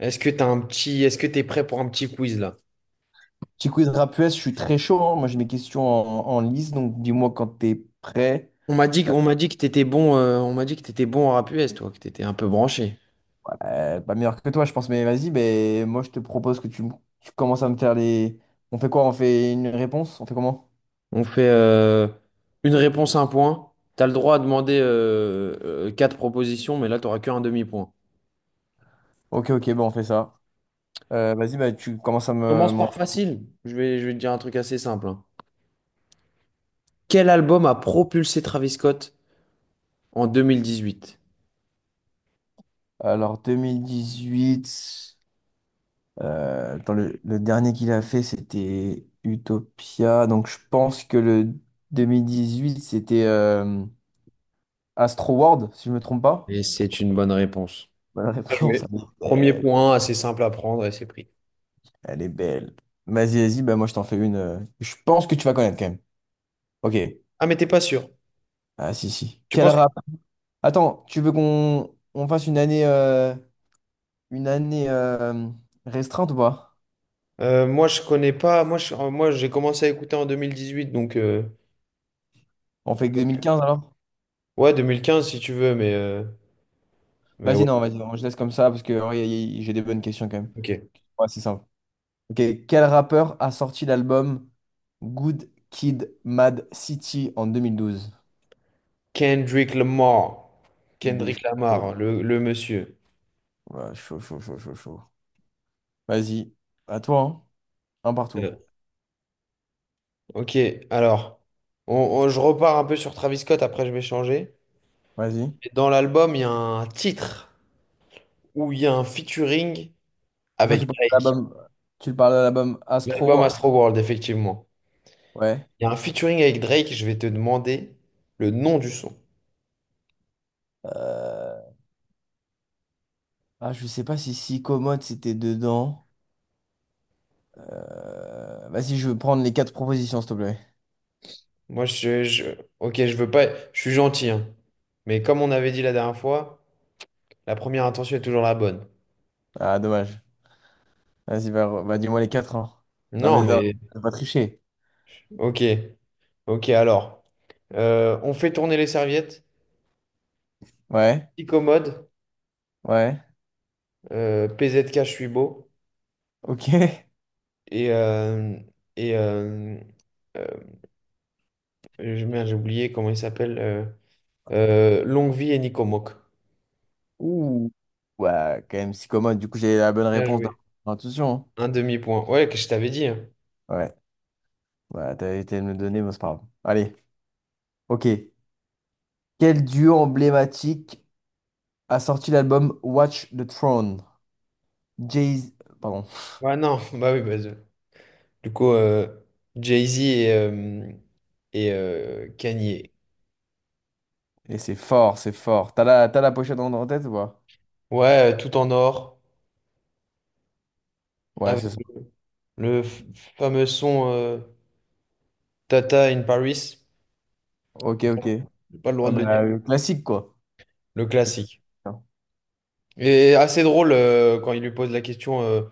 Est-ce que t'as un petit, est-ce que t'es prêt pour un petit quiz là? Petit quiz rap US, je suis très chaud, hein. Moi, j'ai mes questions en liste, donc dis-moi quand t'es prêt. On m'a dit, on m'a dit que t'étais bon, on m'a dit que t'étais bon en rap US, toi, que t'étais un peu branché. Pas meilleur que toi, je pense, mais vas-y. Mais moi, je te propose que tu commences à me faire les. On fait quoi? On fait une réponse? On fait comment? On fait une réponse un point. T'as le droit à demander quatre propositions, mais là t'auras qu'un demi-point. Ok, ok, bon, on fait ça. Vas-y, bah, tu commences à me, Commence m'en- par facile. Je vais te dire un truc assez simple, hein. Quel album a propulsé Travis Scott en 2018? Alors, 2018, attends, le dernier qu'il a fait, c'était Utopia. Donc, je pense que le 2018, c'était Astro World, si je me trompe pas. Et c'est une bonne réponse. Bonne Bien réponse. joué. Premier point, assez simple à prendre et c'est pris. Elle est belle. Vas-y, vas-y, bah moi je t'en fais une. Je pense que tu vas connaître quand même. Ok. Ah mais t'es pas sûr. Ah si, si. Tu Quel penses que rap? Attends, tu veux qu'on fasse une année restreinte ou pas? Moi, je connais pas. Moi, moi, j'ai commencé à écouter en 2018, On fait que donc- 2015 alors? ouais, 2015 si tu veux, mais ouais, Vas-y, non, je laisse comme ça parce que ouais, j'ai des bonnes questions quand même. ok. Ouais, c'est simple. Ok. Quel rappeur a sorti l'album Good Kid Mad City en 2012? Kendrick Lamar, Il Kendrick est Lamar, chaud. hein, le monsieur. Ouais, chaud, chaud, chaud, chaud, chaud. Vas-y, à toi, hein. Un partout. Euh, Ok, alors, je repars un peu sur Travis Scott. Après, je vais changer. Vas-y. Et dans l'album, il y a un titre où il y a un featuring Ah, tu avec parles de Drake. l'album, tu parles de l'album Astro L'album World. Astroworld, effectivement. Ouais. Il y a un featuring avec Drake. Je vais te demander le nom du son. Euh, Ah, je sais pas si Si Commode c'était dedans. Vas-y, je veux prendre les quatre propositions, s'il te plaît. Moi, ok, je veux pas, je suis gentil, hein. Mais comme on avait dit la dernière fois, la première intention est toujours la bonne. Ah, dommage. Vas-y, bah, dis-moi les quatre, hein. Non, mais Non. non, Oui. t'as pas triché. Mais ok, ok, alors, on fait tourner les serviettes, Ouais, petit commode, ouais, PZK, je suis beau, ok. et, euh, et euh, euh, merde, j'ai oublié comment il s'appelle, Longue Vie et Nico Mock. Ouh. Ouais, quand même, Si Commode, du coup, j'ai la bonne Bien réponse dans joué. l'intuition, Un demi-point. Ouais, que je t'avais dit, hein. hein. Ouais, bah, t'as été me le donner, mais c'est pas grave. Allez, ok. Quel duo emblématique a sorti l'album Watch the Throne? Jay... Pardon. Ouais, non, bah oui, bah, du coup, Jay-Z et, Kanye. Et c'est fort, c'est fort. T'as la pochette en tête ou pas? Ouais, tout en or, Ouais, avec c'est ça. le f- fameux son Tata in Paris. Ok, ok. J'ai pas le droit Ah de le dire. bah, classique, quoi. Le classique. Non. Et assez drôle quand il lui pose la question euh,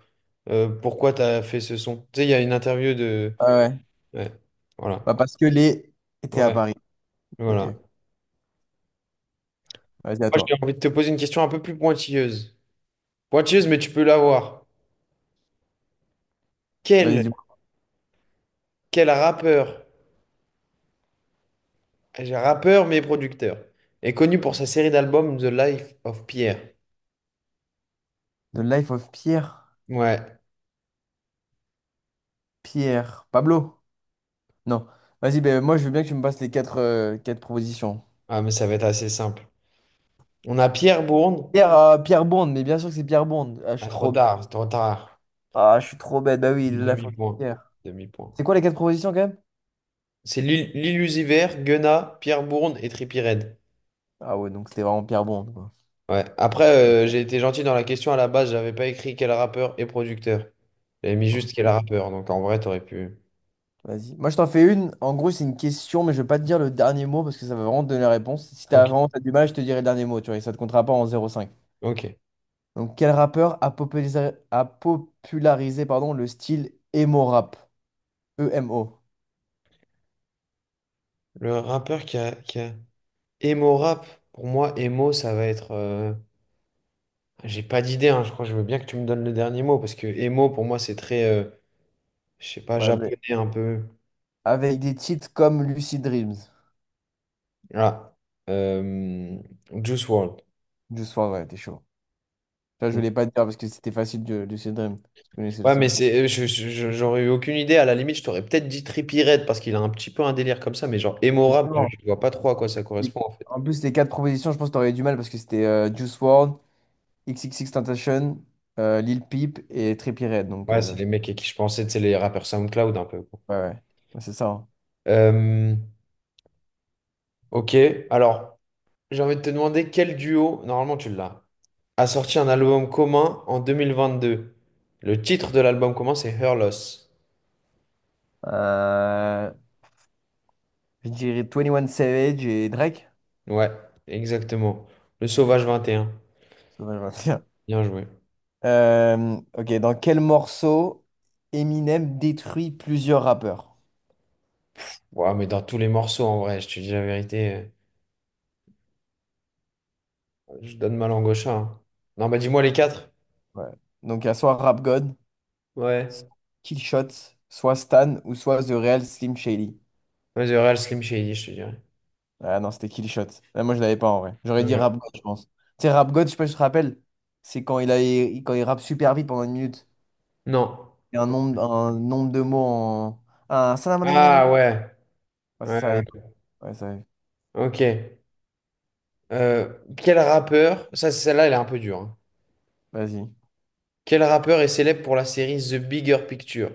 euh, pourquoi t'as fait ce son? Tu sais, il y a une interview de. Ah ouais. Ouais, voilà. Bah, parce que les étaient à Ouais, Paris. Ok. voilà. Vas-y, à Moi, j'ai toi. envie de te poser une question un peu plus pointilleuse. Pointilleuse, mais tu peux l'avoir. Quel, Vas-y, dis-moi. quel rappeur, j'ai rappeur mais producteur, est connu pour sa série d'albums The Life of Pierre. The Life of Pierre. Ouais, Pierre. Pablo? Non. Vas-y, ben moi, je veux bien que tu me passes les quatre propositions. ah, mais ça va être assez simple. On a Pierre Bourne. Pierre Bond, mais bien sûr que c'est Pierre Bond. Ah, je Ah, suis trop trop bête. tard, trop tard. Ah, je suis trop bête. Bah oui, The Life of Demi-point. Pierre. Demi-point. C'est quoi les quatre propositions, quand même? C'est l'illusiver, Guena, Pierre Bourne et Trippie Redd. Ah ouais, donc c'était vraiment Pierre Bond, quoi. Ouais. Après, j'ai été gentil dans la question, à la base j'avais pas écrit quel rappeur et producteur. J'avais mis juste quel rappeur, donc en vrai, t'aurais pu. Vas-y. Moi, je t'en fais une. En gros, c'est une question, mais je vais pas te dire le dernier mot parce que ça va vraiment te donner la réponse. Si t'as Ok. vraiment t'as du mal, je te dirai le dernier mot, tu vois, et ça te comptera pas en zéro virgule cinq. Ok. Donc, quel rappeur a popularisé, pardon, le style emo rap? E-M-O. Le rappeur qui a... Emo rap, pour moi, emo, ça va être, j'ai pas d'idée, hein. Je crois que je veux bien que tu me donnes le dernier mot parce que emo pour moi c'est très, je sais pas, Ouais, mais japonais un peu. avec des titres comme Lucid Dreams. Ah, euh, Juice World. Du soir, ouais, t'es chaud. Ça, je Mm. voulais pas te dire parce que c'était facile, de Lucid Dreams. Tu connaissais le Ouais, mais son. c'est, j'aurais eu aucune idée. À la limite, je t'aurais peut-être dit Trippie Redd parce qu'il a un petit peu un délire comme ça, mais genre emo rap, Justement. je vois pas trop à quoi ça les- correspond en fait. En plus, les quatre propositions, je pense que t'aurais eu du mal parce que c'était Juice WRLD, XXXTentacion, Lil Peep et Trippie Redd. Donc, Ouais, c'est les mecs à qui je pensais, c'est les rappeurs SoundCloud un peu, quoi. ouais, ouais. Ouais, c'est ça, hein. Euh, ok, alors j'ai envie de te demander quel duo, normalement tu l'as, a sorti un album commun en 2022. Le titre de l'album commun, c'est Her Loss. Euh, je dirais 21 Savage et Drake. Ouais, exactement. Le Ouais, Sauvage 21. ça va, je vois bien. Bien joué. Ok, dans quel morceau Eminem détruit plusieurs rappeurs? Ouais, mais dans tous les morceaux, en vrai, je te dis la vérité, je donne ma langue au chat, hein. Non, bah dis-moi les quatre. Ouais. Donc, il y a soit Rap God, Ouais. soit Killshot, soit Stan ou soit The Real Slim Shady. Vas-y, Real Slim Shady, je te dirais. Ah non, c'était Killshot. Ah, moi, je l'avais pas en vrai. J'aurais dit Ouais. Rap God, je pense. Tu sais, Rap God, je sais pas si tu te rappelles, c'est quand il rappe super vite pendant une minute. Non. Et un nombre de mots en. Un... Ah ouais. Ouais, c'est Ouais, ça, ouais. ouais, ça arrive. Ok. Euh, quel rappeur, ça celle-là elle est un peu dure, hein. Vas-y. Quel rappeur est célèbre pour la série The Bigger Picture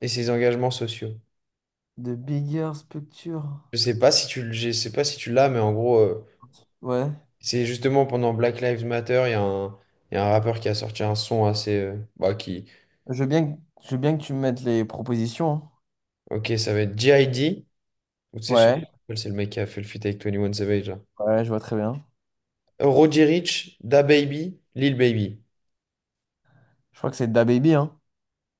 et ses engagements sociaux? The bigger structure. Je sais pas si je sais pas si tu l'as, mais en gros, Ouais. c'est justement pendant Black Lives Matter, il y a un rappeur qui a sorti un son assez, qui, Je veux bien que tu me mettes les propositions, hein. ok, ça va être G.I.D. Ou tu sais, je sais pas Ouais. comment il s'appelle, c'est le mec qui a fait le feat avec 21 Savage là. Ouais, je vois très bien. Roddy Ricch, Da Baby, Lil Baby. Je crois que c'est DaBaby, hein.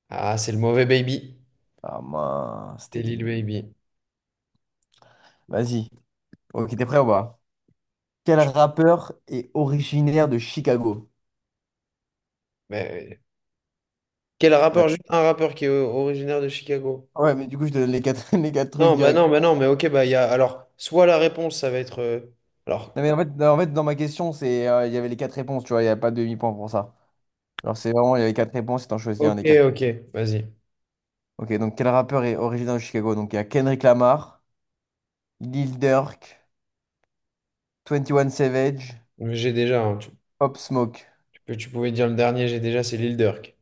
Ah, c'est le mauvais Baby, Ah mince, c'est c'était Lil lui. Baby. Vas-y. Ok, t'es prêt ou pas? Quel rappeur est originaire de Chicago? Mais quel Ouais, rappeur, juste un rappeur qui est originaire de Chicago. Ah ouais, mais du coup, je te donne les quatre, les quatre trucs Non, bah direct. non, bah non, mais ok, bah il y a, alors, soit la réponse, ça va être, alors, Non, mais en fait, non, en fait, dans ma question, c'est, il y avait les quatre réponses, tu vois, il n'y a pas de demi-point pour ça. Alors, c'est vraiment, il y avait quatre réponses et t'en choisis un ok, des quatre. ok, vas-y, Ok, donc quel rappeur est originaire de Chicago? Donc, il y a Kendrick Lamar, Lil Durk, 21 Savage, j'ai déjà, hein, tu- Pop Smoke. Que tu pouvais dire le dernier, j'ai déjà, c'est Lil Durk.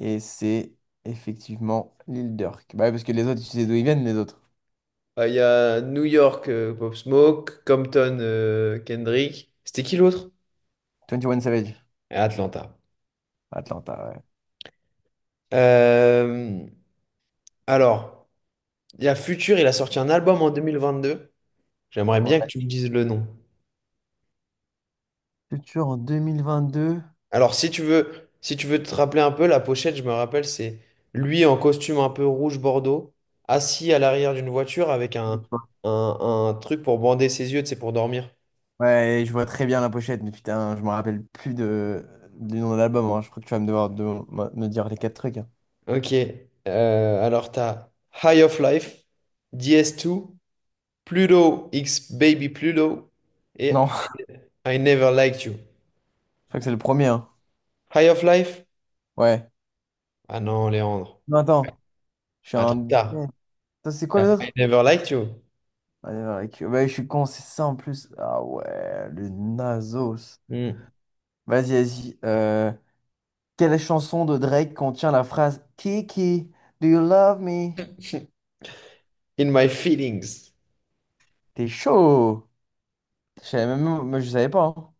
Et c'est effectivement Lil Durk. Bah ouais, parce que les autres, tu sais d'où ils viennent, les autres. Il y a New York, Pop Smoke, Compton, Kendrick. C'était qui l'autre? 21 Savage, Et Atlanta. Atlanta, ouais. Euh, alors, il y a Future, il a sorti un album en 2022. J'aimerais bien que Ouais. tu me dises le nom. Culture en 2022. Alors, si tu veux, si tu veux te rappeler un peu, la pochette, je me rappelle, c'est lui en costume un peu rouge bordeaux, assis à l'arrière d'une voiture avec un, un truc pour bander ses yeux, c'est pour dormir. Ouais, je vois très bien la pochette, mais putain, je me rappelle plus du nom de l'album, hein. Je crois que tu vas me devoir de me dire les quatre trucs, hein. Ok. Alors, t'as High of Life, DS2, Pluto X Baby Pluto Non, et je I Never Liked You. crois que c'est le premier, hein. High of Life? Ouais. Ah non, Léandre. Non, attends, je suis Ah, trop un. tard. Attends, c'est quoi les T'as I autres? Never Liked You. Allez, Ouais, je suis con, c'est ça en plus. Ah ouais, le Nasos. Hmm. Vas-y, vas-y. Quelle chanson de Drake contient la phrase Kiki, do you love me? In My Feelings. T'es chaud! Je savais même, moi, je savais pas, hein.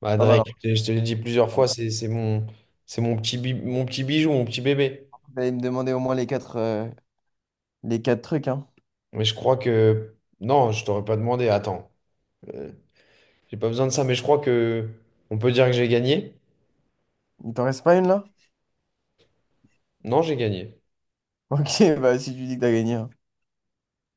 Bah, Pas mal, Drake, hein. je te l'ai dit plusieurs Pas fois, mal. c'est mon, mon petit bijou, mon petit bébé. Vous allez me demander au moins les quatre trucs, hein. Mais je crois que. Non, je t'aurais pas demandé. Attends. Euh, j'ai pas besoin de ça, mais je crois que. On peut dire que j'ai gagné? Il t'en reste pas une là? Non, j'ai gagné. Ok, bah si tu dis que t'as gagné, hein.